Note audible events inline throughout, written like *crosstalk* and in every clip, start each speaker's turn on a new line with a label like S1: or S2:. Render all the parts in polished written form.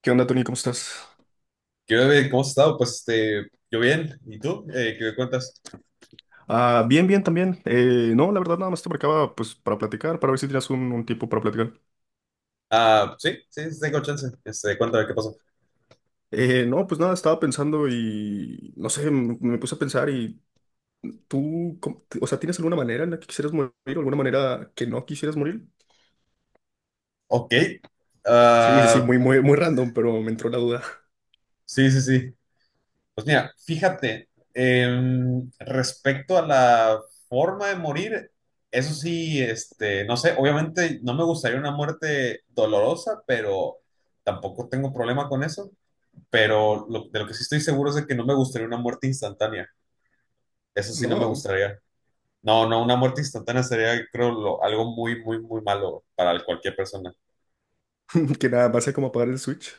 S1: ¿Qué onda, Tony? ¿Cómo estás?
S2: ¿Qué onda? ¿Cómo has estado? Pues, yo bien. ¿Y tú? ¿Qué cuentas?
S1: Ah, bien, bien también. No, la verdad nada más te marcaba pues para platicar, para ver si tenías un tiempo para platicar.
S2: Ah, sí, sí, sí, tengo chance. Cuéntame qué pasó.
S1: No, pues nada, estaba pensando y no sé, me puse a pensar y tú, o sea, ¿tienes alguna manera en la que quisieras morir alguna manera que no quisieras morir?
S2: Ok.
S1: Sí, sí, sí,
S2: Ah,
S1: muy, muy, muy random, pero me entró la duda.
S2: sí, sí, sí. Pues mira, fíjate, respecto a la forma de morir, eso sí, no sé, obviamente no me gustaría una muerte dolorosa, pero tampoco tengo problema con eso. Pero de lo que sí estoy seguro es de que no me gustaría una muerte instantánea. Eso sí no me
S1: No,
S2: gustaría. No, no, una muerte instantánea sería, creo, algo muy, muy, muy malo para cualquier persona.
S1: *laughs* que nada, va a ser como apagar el Switch.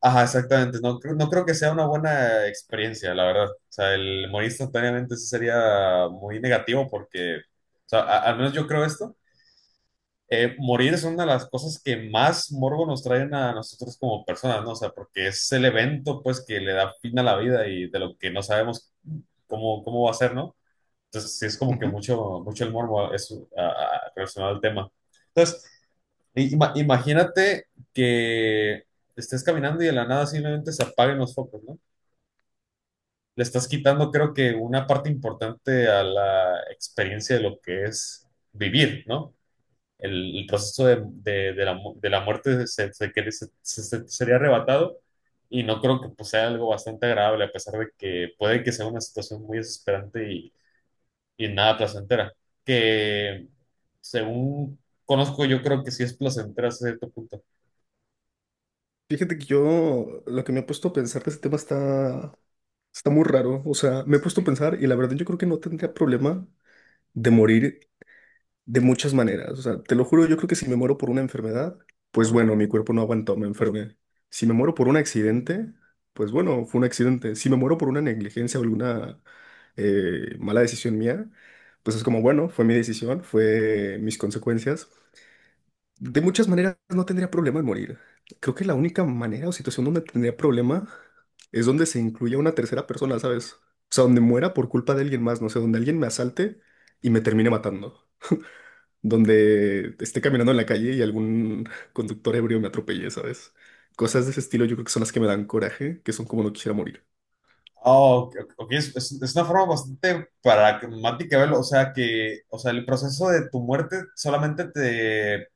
S2: Ajá, exactamente. No, no creo que sea una buena experiencia, la verdad. O sea, el morir instantáneamente sí sería muy negativo porque, o sea, al menos yo creo esto. Morir es una de las cosas que más morbo nos traen a nosotros como personas, ¿no? O sea, porque es el evento, pues, que le da fin a la vida y de lo que no sabemos cómo va a ser, ¿no? Entonces, sí es como que
S1: Ujú.
S2: mucho, mucho el morbo es, relacionado al tema. Entonces, imagínate que estés caminando y de la nada simplemente se apaguen los focos, ¿no? Le estás quitando, creo que, una parte importante a la experiencia de lo que es vivir, ¿no? El proceso de la, de la muerte se, se- que se- se- se- sería arrebatado y no creo que, pues, sea algo bastante agradable, a pesar de que puede que sea una situación muy desesperante y nada placentera. Que según conozco, yo creo que sí es placentera a cierto punto.
S1: Fíjate que yo lo que me he puesto a pensar de ese tema está muy raro. O sea, me he puesto a pensar y la verdad yo creo que no tendría problema de morir de muchas maneras. O sea, te lo juro, yo creo que si me muero por una enfermedad, pues bueno, mi cuerpo no aguantó, me enfermé. Si me muero por un accidente, pues bueno, fue un accidente. Si me muero por una negligencia o alguna mala decisión mía, pues es como, bueno, fue mi decisión, fue mis consecuencias. De muchas maneras no tendría problema en morir. Creo que la única manera o situación donde tendría problema es donde se incluya una tercera persona, ¿sabes? O sea, donde muera por culpa de alguien más, no sé, donde alguien me asalte y me termine matando donde esté caminando en la calle y algún conductor ebrio me atropelle, ¿sabes? Cosas de ese estilo yo creo que son las que me dan coraje, que son como no quisiera morir.
S2: Oh, ok, ok, ok. Es una forma bastante pragmática de verlo. O sea, el proceso de tu muerte solamente te,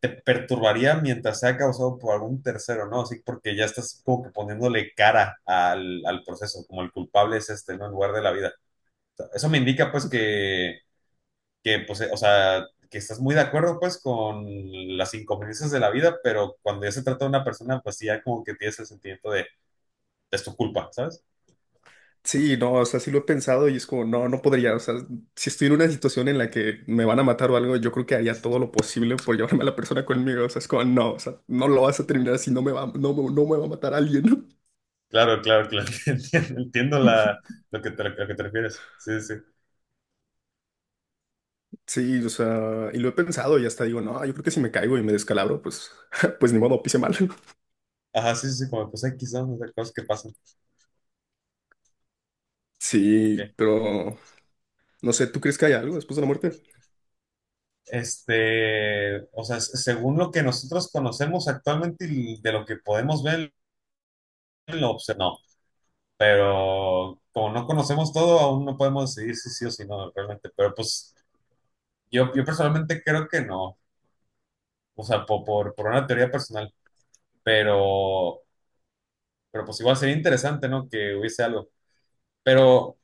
S2: te perturbaría mientras sea causado por algún tercero, ¿no? Así porque ya estás como que poniéndole cara al, al proceso, como el culpable es este, ¿no? En lugar de la vida. O sea, eso me indica, pues, que pues, o sea, que estás muy de acuerdo, pues, con las inconveniencias de la vida, pero cuando ya se trata de una persona, pues sí, ya como que tienes el sentimiento de, es tu culpa, ¿sabes?
S1: Sí, no, o sea, sí lo he pensado y es como, no, no podría, o sea, si estoy en una situación en la que me van a matar o algo, yo creo que haría todo lo posible por llevarme a la persona conmigo, o sea, es como, no, o sea, no lo vas a terminar si no me va, no, no me va a matar alguien. *laughs*
S2: Claro, claro, claro. *laughs* Entiendo, entiendo la, lo que te refieres. Sí, sí, sí.
S1: Sí, o sea, y lo he pensado y hasta digo, no, yo creo que si me caigo y me descalabro, pues, *laughs* pues ni modo, pise mal.
S2: Ajá, sí, sí, sí, como pues X, ¿no? O sea, cosas que pasan. Ok.
S1: Sí, pero no sé, ¿tú crees que hay algo después de la muerte?
S2: O sea, según lo que nosotros conocemos actualmente y de lo que podemos ver, no. Pero como no conocemos todo, aún no podemos decidir si sí o si no, realmente. Pero pues yo personalmente creo que no. O sea, por una teoría personal. Pero, pero pues igual sería interesante, ¿no? Que hubiese algo. Pero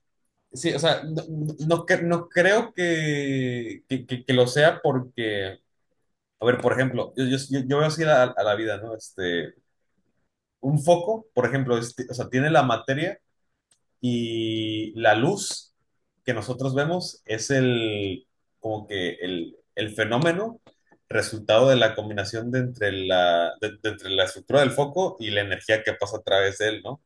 S2: sí, o sea, no creo que, que lo sea porque, a ver, por ejemplo, yo veo así a la vida, ¿no? Un foco, por ejemplo, o sea, tiene la materia y la luz que nosotros vemos es como que el fenómeno resultado de la combinación de entre la, de entre la estructura del foco y la energía que pasa a través de él, ¿no?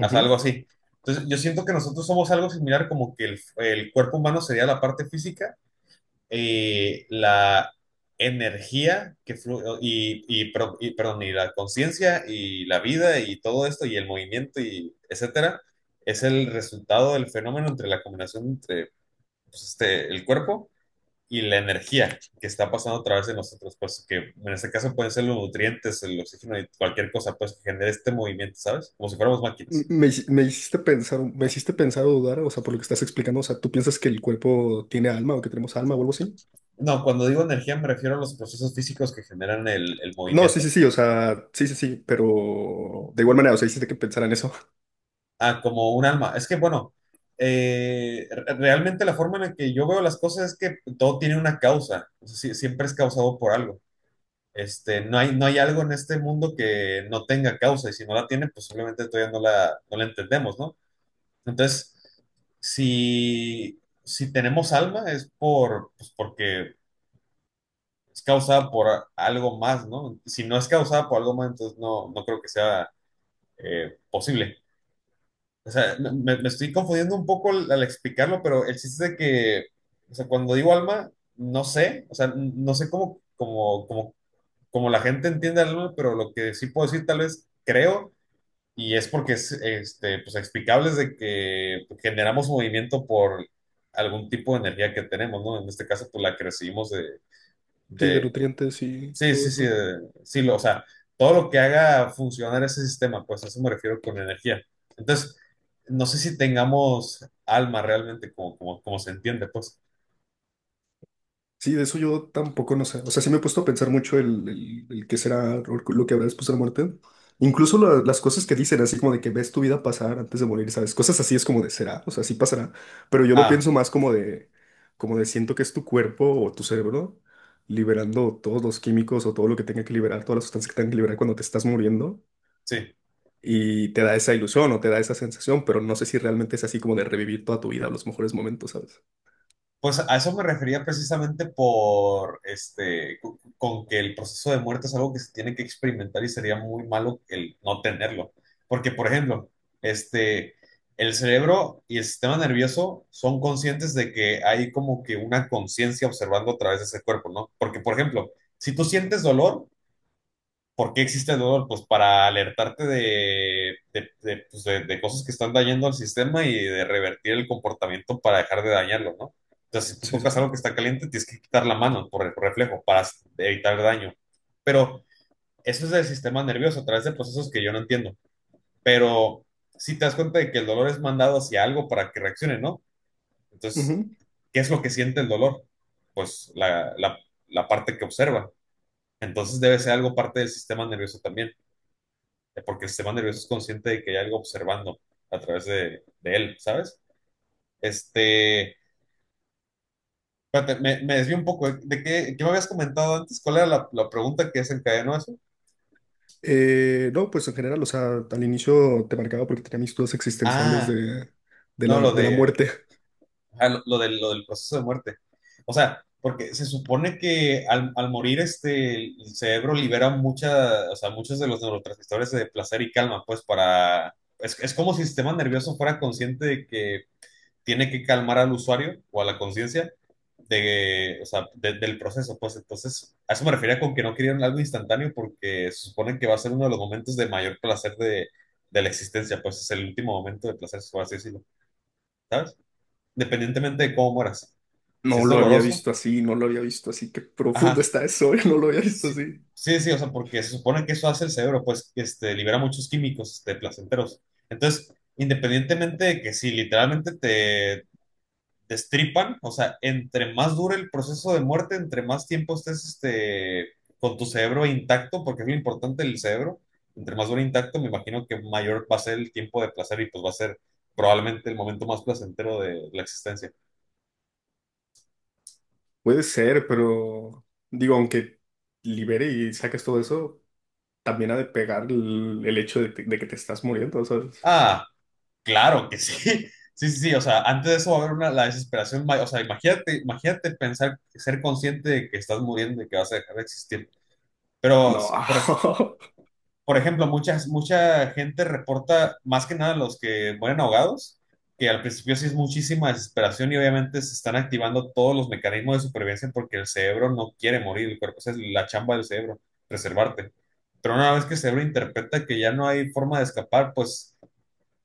S2: Haz algo así. Entonces, yo siento que nosotros somos algo similar, como que el cuerpo humano sería la parte física, la energía que fluye y, perdón, y la conciencia y la vida y todo esto y el movimiento y etcétera, es el resultado del fenómeno entre la combinación entre, pues, el cuerpo y la energía que está pasando a través de nosotros, pues que en este caso pueden ser los nutrientes, el oxígeno y cualquier cosa, pues, que genere este movimiento, ¿sabes? Como si fuéramos máquinas.
S1: Me hiciste pensar, me hiciste pensar o dudar, o sea, por lo que estás explicando, o sea, ¿tú piensas que el cuerpo tiene alma o que tenemos alma o algo así?
S2: No, cuando digo energía me refiero a los procesos físicos que generan el
S1: No, sí,
S2: movimiento.
S1: sí, sí, o sea, sí, sí, sí, pero de igual manera, o sea, hiciste que pensar en eso. *laughs*
S2: Ah, como un alma. Es que, bueno, realmente la forma en la que yo veo las cosas es que todo tiene una causa. O sea, siempre es causado por algo. No hay algo en este mundo que no tenga causa y si no la tiene, pues simplemente todavía no la entendemos, ¿no? Entonces, si tenemos alma es por, pues porque es causada por algo más, ¿no? Si no es causada por algo más, entonces no, no creo que sea posible. O sea, me estoy confundiendo un poco al explicarlo, pero el chiste es de que, o sea, cuando digo alma, no sé, o sea, no sé cómo la gente entiende el alma, pero lo que sí puedo decir tal vez creo, y es porque es pues, explicable, es de que generamos movimiento por algún tipo de energía que tenemos, ¿no? En este caso, pues la que recibimos de,
S1: Sí, de
S2: de...
S1: nutrientes y
S2: Sí,
S1: todo
S2: sí, sí,
S1: eso.
S2: o sea, todo lo que haga funcionar ese sistema, pues a eso me refiero con energía. Entonces, no sé si tengamos alma realmente como, como se entiende, pues.
S1: Sí, de eso yo tampoco no sé. O sea, sí me he puesto a pensar mucho el qué será o lo que habrá después de la muerte. Incluso las cosas que dicen, así como de que ves tu vida pasar antes de morir, ¿sabes? Cosas así es como de será, o sea, sí pasará. Pero yo lo
S2: Ah,
S1: pienso más como de siento que es tu cuerpo o tu cerebro liberando todos los químicos o todo lo que tenga que liberar, todas las sustancias que tenga que liberar cuando te estás muriendo.
S2: sí.
S1: Y te da esa ilusión o te da esa sensación, pero no sé si realmente es así como de revivir toda tu vida, los mejores momentos, ¿sabes?
S2: Pues a eso me refería precisamente por con que el proceso de muerte es algo que se tiene que experimentar y sería muy malo el no tenerlo. Porque, por ejemplo, este, el cerebro y el sistema nervioso son conscientes de que hay como que una conciencia observando a través de ese cuerpo, ¿no? Porque, por ejemplo, si tú sientes dolor, ¿por qué existe el dolor? Pues para alertarte pues, de cosas que están dañando al sistema y de revertir el comportamiento para dejar de dañarlo, ¿no? Entonces, si tú
S1: Sí,
S2: tocas algo
S1: sí,
S2: que está caliente, tienes que quitar la mano por el reflejo para evitar daño. Pero eso es del sistema nervioso, a través de procesos que yo no entiendo. Pero si te das cuenta de que el dolor es mandado hacia algo para que reaccione, ¿no? Entonces,
S1: sí.
S2: ¿qué es lo que siente el dolor? Pues la parte que observa. Entonces debe ser algo parte del sistema nervioso también, porque el sistema nervioso es consciente de que hay algo observando a través de él, ¿sabes? Este, Espérate, me desvío un poco. De qué, qué me habías comentado antes? ¿Cuál era la pregunta que desencadenó eso?
S1: No, pues en general, o sea, al inicio te marcaba porque tenía mis dudas existenciales
S2: Ah,
S1: de,
S2: no, lo
S1: de la
S2: de,
S1: muerte. *laughs*
S2: ah, lo del proceso de muerte. O sea, porque se supone que al morir, el cerebro libera mucha, o sea, muchos de los neurotransmisores de placer y calma, pues para... es- como si el sistema nervioso fuera consciente de que tiene que calmar al usuario o a la conciencia de, o sea, del proceso. Pues entonces, a eso me refería con que no querían algo instantáneo porque se supone que va a ser uno de los momentos de mayor placer de la existencia. Pues es el último momento de placer, por así decirlo, ¿sabes? Independientemente de cómo mueras. Si
S1: No
S2: es
S1: lo había
S2: doloroso,
S1: visto así, no lo había visto así. Qué profundo
S2: ajá.
S1: está eso, *laughs* no lo había visto
S2: Sí,
S1: así.
S2: sí, sí, o sea, porque se supone que eso hace el cerebro, pues, libera muchos químicos, placenteros. Entonces, independientemente de que si literalmente te destripan, o sea, entre más dure el proceso de muerte, entre más tiempo estés, con tu cerebro intacto, porque es lo importante del cerebro, entre más dure intacto, me imagino que mayor va a ser el tiempo de placer y pues va a ser probablemente el momento más placentero de la existencia.
S1: Puede ser, pero digo, aunque libere y saques todo eso, también ha de pegar el hecho de, de que te estás muriendo, ¿sabes?
S2: Ah, claro que sí. *laughs* Sí, sí, sí, o sea, antes de eso va a haber una, la desesperación, o sea, imagínate, imagínate pensar, ser consciente de que estás muriendo y que vas a dejar de existir. Pero,
S1: No.
S2: por,
S1: *laughs*
S2: por ejemplo, mucha gente reporta, más que nada los que mueren ahogados, que al principio sí es muchísima desesperación y obviamente se están activando todos los mecanismos de supervivencia porque el cerebro no quiere morir, el cuerpo, esa es la chamba del cerebro, preservarte. Pero una vez que el cerebro interpreta que ya no hay forma de escapar, pues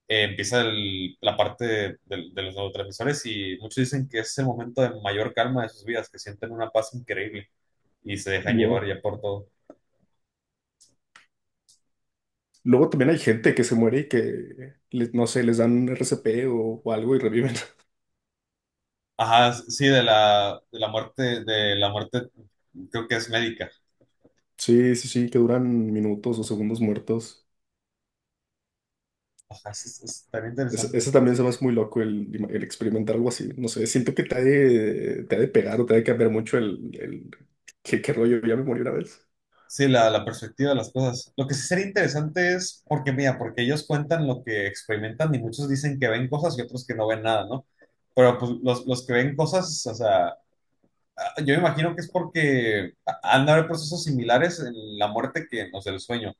S2: empieza la parte de, de los neurotransmisores y muchos dicen que es el momento de mayor calma de sus vidas, que sienten una paz increíble y se dejan llevar
S1: Wow.
S2: ya por todo.
S1: Luego también hay gente que se muere y que, no sé, les dan RCP o algo y reviven. *laughs*
S2: Ajá, sí, de la muerte, creo que es médica.
S1: Sí, sí, sí, que duran minutos o segundos muertos.
S2: Ajá, es tan
S1: Eso,
S2: interesante.
S1: eso también se me hace muy loco el experimentar algo así. No sé, siento que te ha de pegar o te ha de cambiar mucho el qué, qué rollo. Ya me morí una vez.
S2: Sí, la perspectiva de las cosas. Lo que sí sería interesante es, porque mira, porque ellos cuentan lo que experimentan y muchos dicen que ven cosas y otros que no ven nada, ¿no? Pero pues los que ven cosas, o sea, yo me imagino que es porque han de haber procesos similares en la muerte que en los del sueño.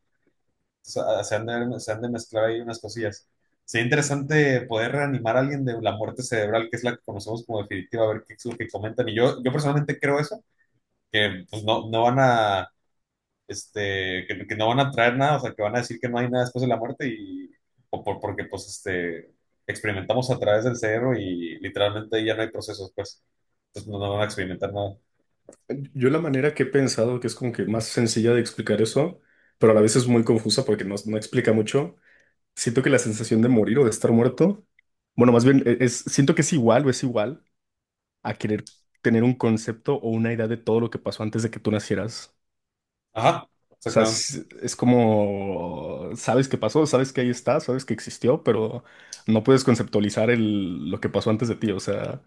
S2: Se han de mezclar ahí unas cosillas. Sería interesante poder reanimar a alguien de la muerte cerebral, que es la que conocemos como definitiva, a ver qué es lo que comentan. Y yo personalmente creo eso, que pues no van a, que no van a traer nada, o sea, que van a decir que no hay nada después de la muerte y o porque pues experimentamos a través del cerebro y literalmente ya no hay procesos, pues. Entonces no van a experimentar nada.
S1: Yo la manera que he pensado que es como que más sencilla de explicar eso, pero a la vez es muy confusa porque no, no explica mucho. Siento que la sensación de morir o de estar muerto, bueno, más bien es, siento que es igual o es igual a querer tener un concepto o una idea de todo lo que pasó antes de que tú nacieras.
S2: Ajá,
S1: O sea,
S2: exactamente.
S1: es como, sabes qué pasó, sabes que ahí está, sabes que existió, pero no puedes conceptualizar el, lo que pasó antes de ti. O sea,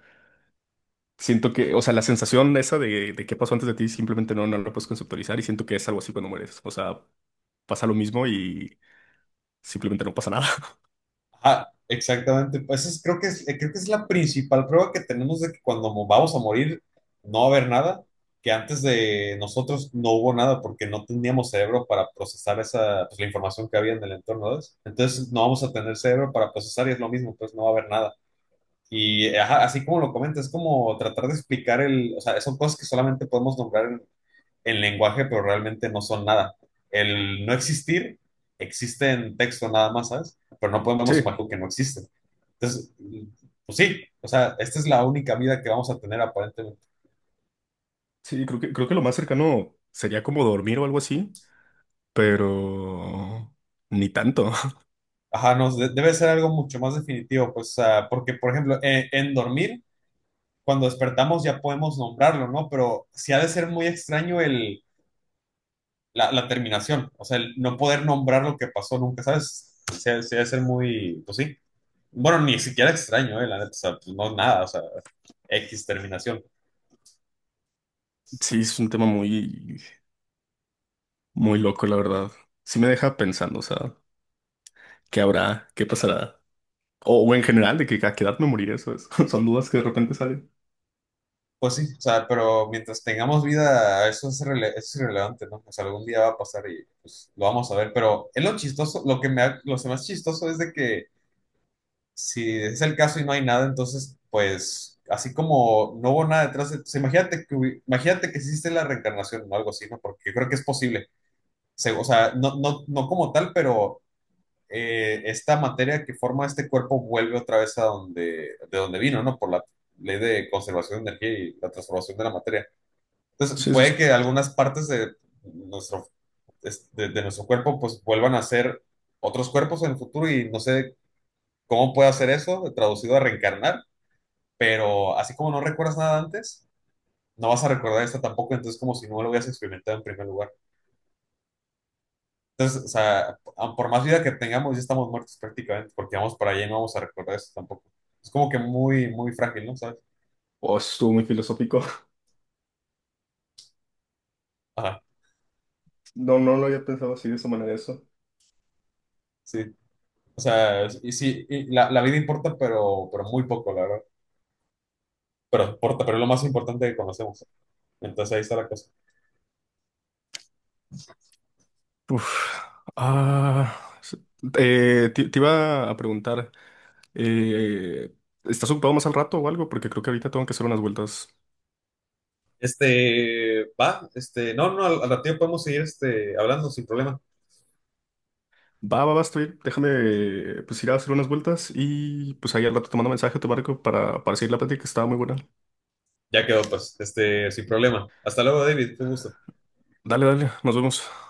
S1: siento que, o sea, la sensación esa de qué pasó antes de ti simplemente no, no la puedes conceptualizar y siento que es algo así cuando mueres. O sea, pasa lo mismo y simplemente no pasa nada. *laughs*
S2: Ajá, exactamente. Pues creo que es la principal prueba que tenemos de que cuando vamos a morir no va a haber nada, que antes de nosotros no hubo nada porque no teníamos cerebro para procesar esa, pues, la información que había en el entorno, ¿ves? Entonces no vamos a tener cerebro para procesar y es lo mismo, pues no va a haber nada. Y ajá, así como lo comentas, es como tratar de explicar el, o sea, son cosas que solamente podemos nombrar en lenguaje, pero realmente no son nada. El no existir existe en texto nada más, ¿sabes? Pero no podemos
S1: Sí,
S2: imaginar que no existe. Entonces, pues sí, o sea, esta es la única vida que vamos a tener aparentemente.
S1: sí, creo que lo más cercano sería como dormir o algo así, pero ni tanto. *laughs*
S2: Ajá, no, debe ser algo mucho más definitivo, pues, o sea, porque, por ejemplo, en dormir, cuando despertamos ya podemos nombrarlo, ¿no? Pero sí ha de ser muy extraño el, la terminación, o sea, el no poder nombrar lo que pasó nunca, ¿sabes? Sí, ha sí ha de ser muy, pues sí. Bueno, ni siquiera extraño, la neta, o sea, pues no nada, o sea, X terminación.
S1: Sí, es un tema muy, muy loco, la verdad. Sí me deja pensando, o sea. ¿Qué habrá? ¿Qué pasará? O en general, de que a qué edad me moriré, eso es. *laughs* Son dudas que de repente salen.
S2: Pues sí, o sea, pero mientras tengamos vida, eso es, eso es irrelevante, ¿no? O sea, algún día va a pasar y pues lo vamos a ver, pero es lo chistoso, lo más chistoso es de que si es el caso y no hay nada, entonces, pues, así como no hubo nada o sea, imagínate que existe la reencarnación o algo así, ¿no? Porque yo creo que es posible. O sea, no como tal, pero esta materia que forma este cuerpo vuelve otra vez a donde, de donde vino, ¿no? Por la ley de conservación de energía y la transformación de la materia. Entonces,
S1: Sí, sí, sí.
S2: puede que algunas partes de nuestro, de nuestro cuerpo pues vuelvan a ser otros cuerpos en el futuro y no sé cómo puede hacer eso, traducido a reencarnar, pero así como no recuerdas nada antes, no vas a recordar esto tampoco, entonces como si no lo hubieras experimentado en primer lugar. Entonces, o sea, por más vida que tengamos, ya estamos muertos prácticamente, porque vamos para allá y no vamos a recordar eso tampoco. Es como que muy, muy frágil, ¿no? ¿Sabes?
S1: Oh, estuvo muy filosófico. *laughs*
S2: Ajá,
S1: No, no lo había pensado así de esa manera eso.
S2: sí. O sea, y sí, y la vida importa, pero muy poco, la verdad. Pero importa, pero es lo más importante que conocemos. Entonces ahí está la cosa.
S1: Uf. Ah, sí. Te iba a preguntar, eh, ¿estás ocupado más al rato o algo? Porque creo que ahorita tengo que hacer unas vueltas.
S2: Va, no, no, al ratillo podemos seguir hablando sin problema.
S1: Va, va, va, estoy. Déjame pues ir a hacer unas vueltas y pues ahí al rato te mando mensaje, a tu barco para seguir la plática que estaba muy buena.
S2: Ya quedó, pues, sin problema. Hasta luego, David, fue un gusto.
S1: Dale, dale, nos vemos.